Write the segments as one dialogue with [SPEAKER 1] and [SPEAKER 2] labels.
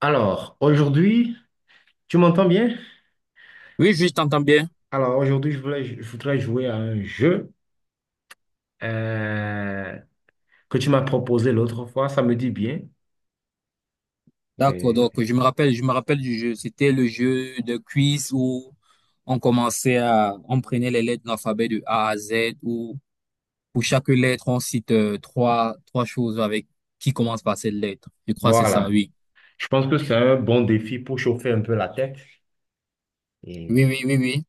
[SPEAKER 1] Alors, aujourd'hui, tu m'entends bien?
[SPEAKER 2] Oui, oui, je t'entends bien.
[SPEAKER 1] Alors, aujourd'hui, je voudrais jouer à un jeu euh, que tu m'as proposé l'autre fois. Ça me dit bien.
[SPEAKER 2] D'accord,
[SPEAKER 1] Et
[SPEAKER 2] donc je me rappelle du jeu. C'était le jeu de quiz où on prenait les lettres de l'alphabet de A à Z, où pour chaque lettre, on cite trois choses avec qui commence par cette lettre. Je crois que c'est ça,
[SPEAKER 1] voilà.
[SPEAKER 2] oui.
[SPEAKER 1] Je pense que c'est un bon défi pour chauffer un peu la tête.
[SPEAKER 2] Oui,
[SPEAKER 1] Et
[SPEAKER 2] oui, oui, oui.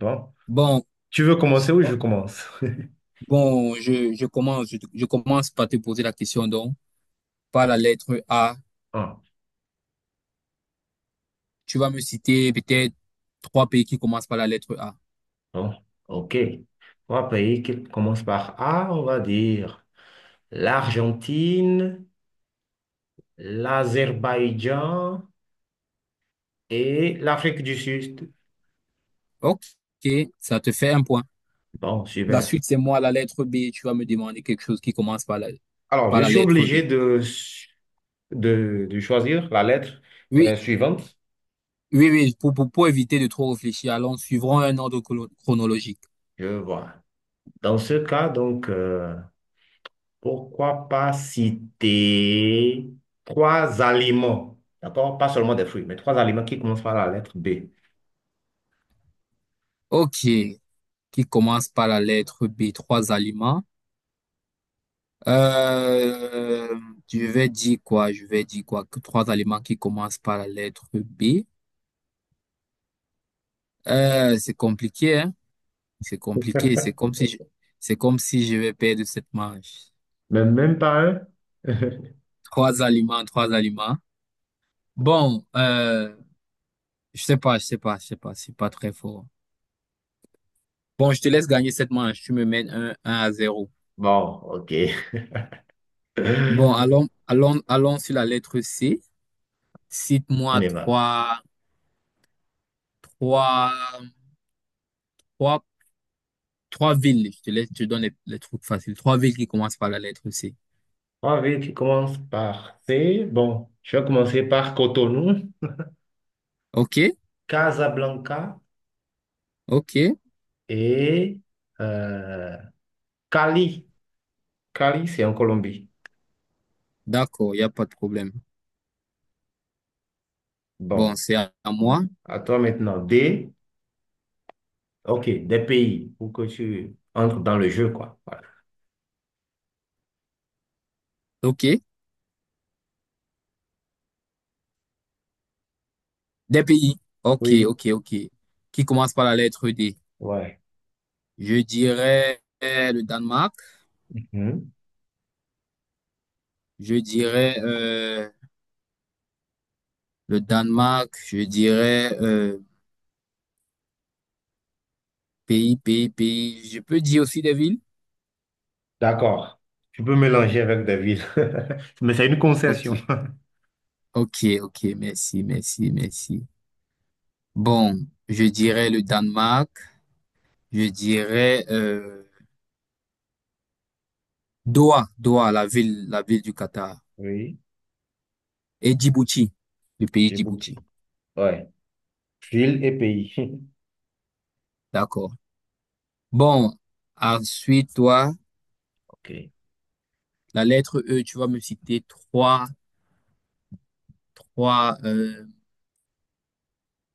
[SPEAKER 1] bon,
[SPEAKER 2] Bon,
[SPEAKER 1] tu veux commencer ou je
[SPEAKER 2] oh,
[SPEAKER 1] commence?
[SPEAKER 2] bon, je commence par te poser la question donc, par la lettre A.
[SPEAKER 1] Ah,
[SPEAKER 2] Tu vas me citer peut-être trois pays qui commencent par la lettre A.
[SPEAKER 1] bon, ok. Trois pays qui commencent par A, on va dire l'Argentine, l'Azerbaïdjan et l'Afrique du Sud.
[SPEAKER 2] Ok, ça te fait un point.
[SPEAKER 1] Bon,
[SPEAKER 2] La
[SPEAKER 1] super.
[SPEAKER 2] suite, c'est moi, la lettre B. Tu vas me demander quelque chose qui commence
[SPEAKER 1] Alors,
[SPEAKER 2] par
[SPEAKER 1] je
[SPEAKER 2] la
[SPEAKER 1] suis
[SPEAKER 2] lettre B.
[SPEAKER 1] obligé de, de choisir la lettre
[SPEAKER 2] Oui,
[SPEAKER 1] suivante.
[SPEAKER 2] oui, oui, pour éviter de trop réfléchir, allons, suivrons un ordre chronologique.
[SPEAKER 1] Je vois. Dans ce cas, donc, pourquoi pas citer trois aliments, d'accord? Pas seulement des fruits, mais trois aliments qui commencent par la lettre B.
[SPEAKER 2] Ok, qui commence par la lettre B, trois aliments. Euh, je vais dire quoi? Je vais dire quoi? Que trois aliments qui commencent par la lettre B. C'est compliqué, hein? C'est compliqué. C'est comme si je vais perdre cette manche.
[SPEAKER 1] Mais même pas un.
[SPEAKER 2] Trois aliments, trois aliments. Bon, je sais pas, je sais pas, je sais pas. C'est pas très fort. Bon, je te laisse gagner cette manche. Tu me mènes un à zéro.
[SPEAKER 1] Bon, ok.
[SPEAKER 2] Bon, allons, allons, allons sur la lettre C.
[SPEAKER 1] On
[SPEAKER 2] Cite-moi
[SPEAKER 1] y va.
[SPEAKER 2] trois, trois Trois villes. Je te laisse, je te donne les trucs faciles. Trois villes qui commencent par la lettre C.
[SPEAKER 1] Trois villes qui commencent par C. Bon, je vais commencer par Cotonou,
[SPEAKER 2] OK?
[SPEAKER 1] Casablanca
[SPEAKER 2] OK.
[SPEAKER 1] et euh, Cali. Cali, c'est en Colombie.
[SPEAKER 2] D'accord, il n'y a pas de problème. Bon,
[SPEAKER 1] Bon,
[SPEAKER 2] c'est à moi.
[SPEAKER 1] à toi maintenant. Ok, des pays pour que tu entres dans le jeu, quoi. Voilà.
[SPEAKER 2] OK. Des pays. OK,
[SPEAKER 1] Oui,
[SPEAKER 2] OK, OK. Qui commencent par la lettre D.
[SPEAKER 1] ouais.
[SPEAKER 2] Je dirais le Danemark.
[SPEAKER 1] Mhm.
[SPEAKER 2] Je dirais le Danemark. Je dirais pays. Je peux dire aussi des villes?
[SPEAKER 1] D'accord. Tu peux mélanger avec des villes. Mais c'est une concession.
[SPEAKER 2] OK. OK, OK. Merci, merci, merci. Bon, je dirais le Danemark. Je dirais... Doha, la ville du Qatar.
[SPEAKER 1] Oui,
[SPEAKER 2] Et Djibouti, le pays Djibouti.
[SPEAKER 1] Djibouti. Ouais. Ville et pays.
[SPEAKER 2] D'accord. Bon, ensuite, toi,
[SPEAKER 1] Ok.
[SPEAKER 2] la lettre E, tu vas me citer trois, euh,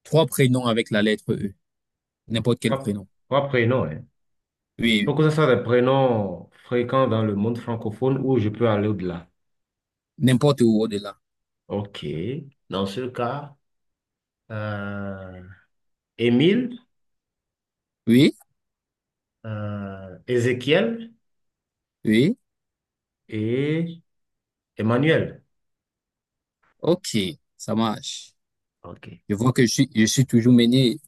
[SPEAKER 2] trois prénoms avec la lettre E. N'importe quel
[SPEAKER 1] Trois,
[SPEAKER 2] prénom.
[SPEAKER 1] trois prénoms, hein.
[SPEAKER 2] Oui,
[SPEAKER 1] Faut
[SPEAKER 2] oui.
[SPEAKER 1] que ce soit des prénoms fréquents dans le monde francophone où je peux aller au-delà.
[SPEAKER 2] N'importe où au-delà.
[SPEAKER 1] Ok. Dans ce cas, euh, Émile,
[SPEAKER 2] Oui,
[SPEAKER 1] Ézéchiel
[SPEAKER 2] oui.
[SPEAKER 1] et Emmanuel.
[SPEAKER 2] OK, ça marche.
[SPEAKER 1] OK.
[SPEAKER 2] Je vois que je suis toujours mené.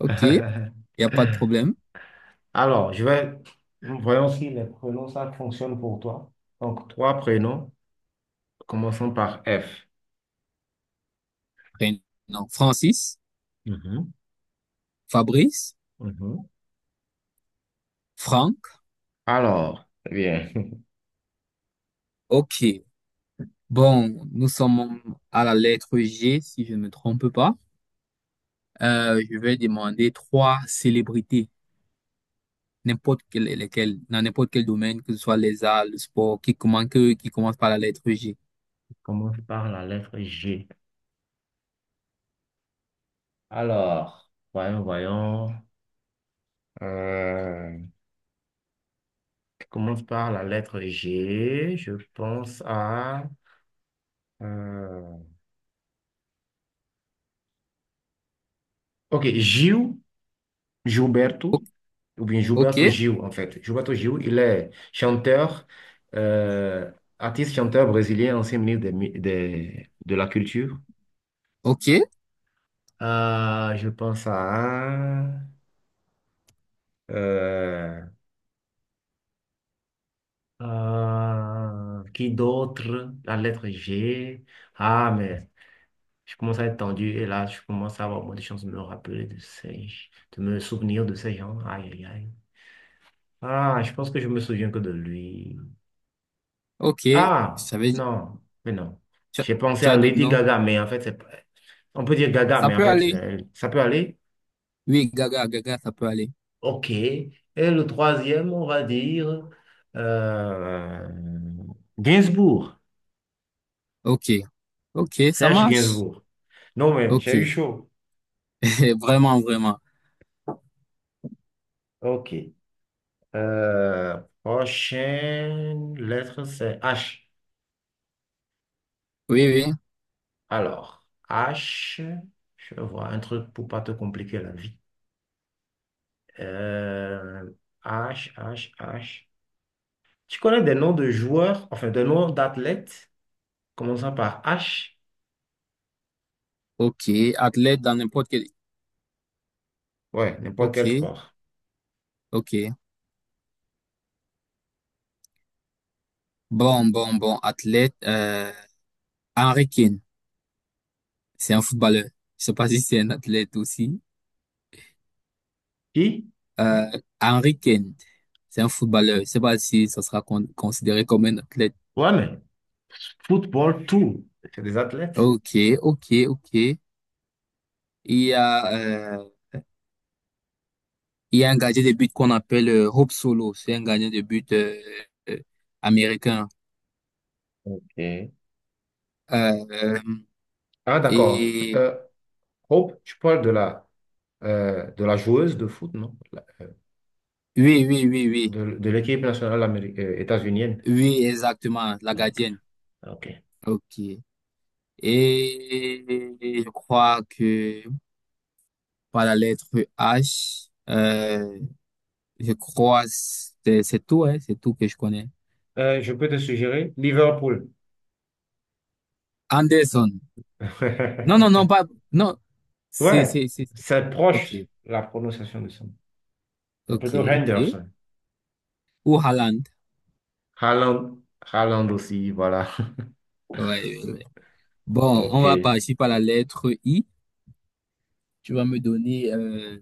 [SPEAKER 2] OK, il n'y a pas de problème.
[SPEAKER 1] Alors, voyons si les prénoms, ça fonctionne pour toi. Donc, trois prénoms, commençons par F.
[SPEAKER 2] Prénom. Francis,
[SPEAKER 1] Mhm,
[SPEAKER 2] Fabrice,
[SPEAKER 1] mhm.
[SPEAKER 2] Franck.
[SPEAKER 1] Alors, eh bien,
[SPEAKER 2] OK. Bon, nous sommes à la lettre G, si je ne me trompe pas. Je vais demander trois célébrités, n'importe quelle, lesquelles, dans n'importe quel domaine, que ce soit les arts, le sport, qui commence par la lettre G.
[SPEAKER 1] commence par la lettre G. Alors, voyons. Euh, commence par la lettre G. Je pense à... euh, ok, Gilles.
[SPEAKER 2] O-
[SPEAKER 1] Gilberto, ou bien
[SPEAKER 2] Ok,
[SPEAKER 1] Gilberto Gil, en fait. Gilberto Gil, il est chanteur, euh, artiste chanteur brésilien, ancien ministre de la Culture.
[SPEAKER 2] ok,
[SPEAKER 1] Ah, je pense à... euh, qui d'autre? La lettre G. Ah, mais je commence à être tendu et là, je commence à avoir moins de chances de me rappeler de ces... de me souvenir de ces gens. Aïe, aïe, aïe. Ah, je pense que je me souviens que de lui.
[SPEAKER 2] ok. Je
[SPEAKER 1] Ah,
[SPEAKER 2] savais,
[SPEAKER 1] non, mais non.
[SPEAKER 2] tu as
[SPEAKER 1] J'ai pensé
[SPEAKER 2] tu
[SPEAKER 1] à
[SPEAKER 2] as d'autres
[SPEAKER 1] Lady
[SPEAKER 2] noms?
[SPEAKER 1] Gaga, mais en fait, c'est pas- on peut dire Gaga,
[SPEAKER 2] Ça
[SPEAKER 1] mais en
[SPEAKER 2] peut
[SPEAKER 1] fait,
[SPEAKER 2] aller.
[SPEAKER 1] ça peut aller.
[SPEAKER 2] Oui, Gaga, Gaga, ça peut aller.
[SPEAKER 1] OK. Et le troisième, on va dire euh, Gainsbourg,
[SPEAKER 2] Ok, ok, ça
[SPEAKER 1] Serge
[SPEAKER 2] marche.
[SPEAKER 1] Gainsbourg. Non, mais
[SPEAKER 2] Ok,
[SPEAKER 1] j'ai eu chaud.
[SPEAKER 2] vraiment, vraiment.
[SPEAKER 1] OK. Euh, prochaine lettre, c'est H.
[SPEAKER 2] Oui, oui.
[SPEAKER 1] Alors, H, je vois un truc pour pas te compliquer la vie. Euh, H. Tu connais des noms de joueurs, enfin des noms d'athlètes, commençant par H,
[SPEAKER 2] Ok, athlète dans n'importe quel.
[SPEAKER 1] ouais, n'importe quel
[SPEAKER 2] Ok,
[SPEAKER 1] sport.
[SPEAKER 2] ok. Bon, bon, bon, athlète, Henry Kane, c'est un footballeur. Je sais pas si c'est un athlète aussi.
[SPEAKER 1] I,
[SPEAKER 2] Euh, Henry Kane, c'est un footballeur. Je sais pas si ça sera con- considéré comme un athlète.
[SPEAKER 1] ouais, mais football, tout, c'est des athlètes.
[SPEAKER 2] Ok, ok, ok. Il y a, euh, il y a un gardien de but qu'on appelle Hope Solo. C'est un gardien de but euh, américain.
[SPEAKER 1] Ok.
[SPEAKER 2] Euh,
[SPEAKER 1] Ah, d'accord.
[SPEAKER 2] et
[SPEAKER 1] Euh, Hope, tu parles de la joueuse de foot, non? La-
[SPEAKER 2] oui,
[SPEAKER 1] De l'équipe nationale états-unienne.
[SPEAKER 2] oui, exactement, la
[SPEAKER 1] Ok,
[SPEAKER 2] gardienne.
[SPEAKER 1] ok.
[SPEAKER 2] Ok. Et je crois que par la lettre H. Je crois c'est tout, hein, c'est tout que je connais.
[SPEAKER 1] Je peux te suggérer Liverpool.
[SPEAKER 2] Anderson. Non, non, non, pas. Non,
[SPEAKER 1] Ouais,
[SPEAKER 2] c'est.
[SPEAKER 1] c'est
[SPEAKER 2] Ok,
[SPEAKER 1] proche la prononciation de son. Nom. C'est
[SPEAKER 2] ok,
[SPEAKER 1] plutôt
[SPEAKER 2] ok.
[SPEAKER 1] Henderson.
[SPEAKER 2] Ou Haaland.
[SPEAKER 1] Haaland, Haaland aussi, voilà.
[SPEAKER 2] Ouais, ouais, ouais. Bon, on
[SPEAKER 1] Ok.
[SPEAKER 2] va
[SPEAKER 1] Je
[SPEAKER 2] partir par la lettre I. Tu vas me donner.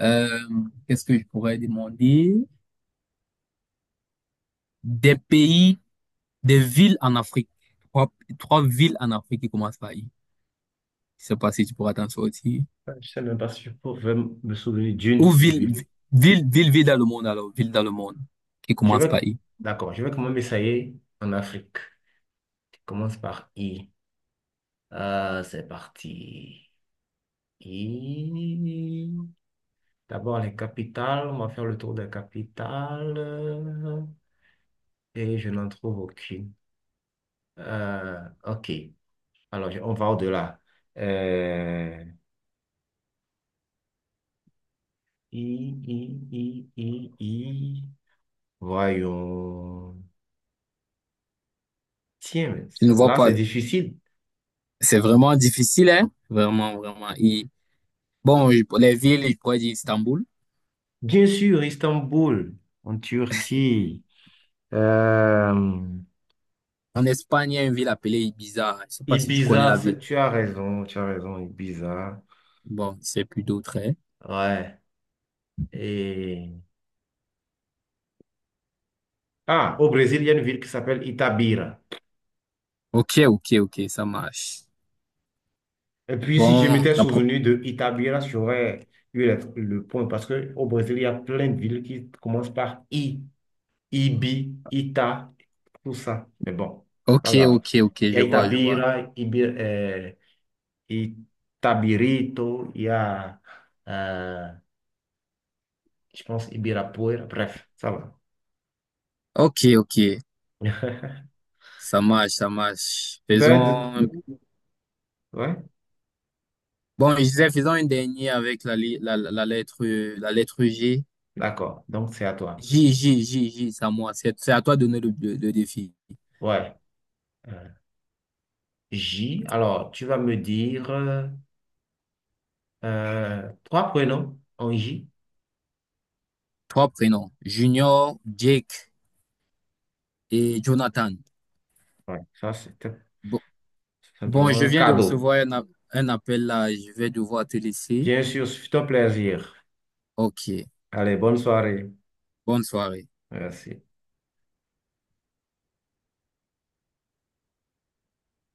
[SPEAKER 2] euh, qu'est-ce que je pourrais demander? Des pays, des villes en Afrique. Trois, trois villes en Afrique qui commencent par I. Je sais pas si tu pourras t'en sortir.
[SPEAKER 1] sais même pas si je pourrais me souvenir d'une
[SPEAKER 2] Ou ville,
[SPEAKER 1] ville.
[SPEAKER 2] ville, ville, ville dans le monde, alors, ville dans le monde, qui
[SPEAKER 1] Je
[SPEAKER 2] commence
[SPEAKER 1] vais,
[SPEAKER 2] par I.
[SPEAKER 1] d'accord, je vais quand même essayer en Afrique. Je commence par I. C'est parti. I. D'abord les capitales. On va faire le tour des capitales. Et je n'en trouve aucune. Euh, ok. Alors, on va au-delà. Euh, I, I, I. Voyons. Tiens, mais
[SPEAKER 2] Je ne
[SPEAKER 1] c'est-
[SPEAKER 2] vois
[SPEAKER 1] là,
[SPEAKER 2] pas.
[SPEAKER 1] c'est difficile.
[SPEAKER 2] C'est vraiment difficile, hein? Vraiment, vraiment. I. Bon, je- les villes, je pourrais dire Istanbul.
[SPEAKER 1] Bien sûr, Istanbul, en Turquie. Euh,
[SPEAKER 2] En Espagne, il y a une ville appelée Ibiza. Je sais pas si tu connais
[SPEAKER 1] Ibiza,
[SPEAKER 2] la
[SPEAKER 1] c'est-
[SPEAKER 2] ville.
[SPEAKER 1] tu as raison, Ibiza.
[SPEAKER 2] Bon, c'est plus d'autres, hein.
[SPEAKER 1] Ouais. Et... Ah, au Brésil, il y a une ville qui s'appelle Itabira.
[SPEAKER 2] Ok, ok, ok, ça marche.
[SPEAKER 1] Et puis, si je
[SPEAKER 2] Bon,
[SPEAKER 1] m'étais
[SPEAKER 2] la pro...
[SPEAKER 1] souvenu de Itabira, j'aurais eu le point parce que au Brésil, il y a plein de villes qui commencent par I, Ibi, Ita, tout ça. Mais bon,
[SPEAKER 2] Ok,
[SPEAKER 1] pas grave.
[SPEAKER 2] ok, ok,
[SPEAKER 1] Il y a
[SPEAKER 2] je vois, je vois.
[SPEAKER 1] Itabira, Ibi, Itabirito, il y a, euh, je pense, Ibirapuera, bref, ça va.
[SPEAKER 2] Ok, ok, ça marche, ça marche.
[SPEAKER 1] Bird,
[SPEAKER 2] Faisons...
[SPEAKER 1] ouais,
[SPEAKER 2] Bon, je disais, faisons une dernière avec la lettre G.
[SPEAKER 1] d'accord, donc c'est à toi.
[SPEAKER 2] C'est à moi. C'est à toi de donner le défi.
[SPEAKER 1] Ouais, euh, J, alors tu vas me dire trois prénoms en J.
[SPEAKER 2] Trois prénoms. Junior, Jake et Jonathan.
[SPEAKER 1] Ouais, ça c'était
[SPEAKER 2] Bon, bon,
[SPEAKER 1] simplement
[SPEAKER 2] je
[SPEAKER 1] un
[SPEAKER 2] viens de
[SPEAKER 1] cadeau.
[SPEAKER 2] recevoir un appel là. Je vais devoir te laisser.
[SPEAKER 1] Bien sûr, c'est un plaisir.
[SPEAKER 2] Ok.
[SPEAKER 1] Allez, bonne soirée.
[SPEAKER 2] Bonne soirée.
[SPEAKER 1] Merci.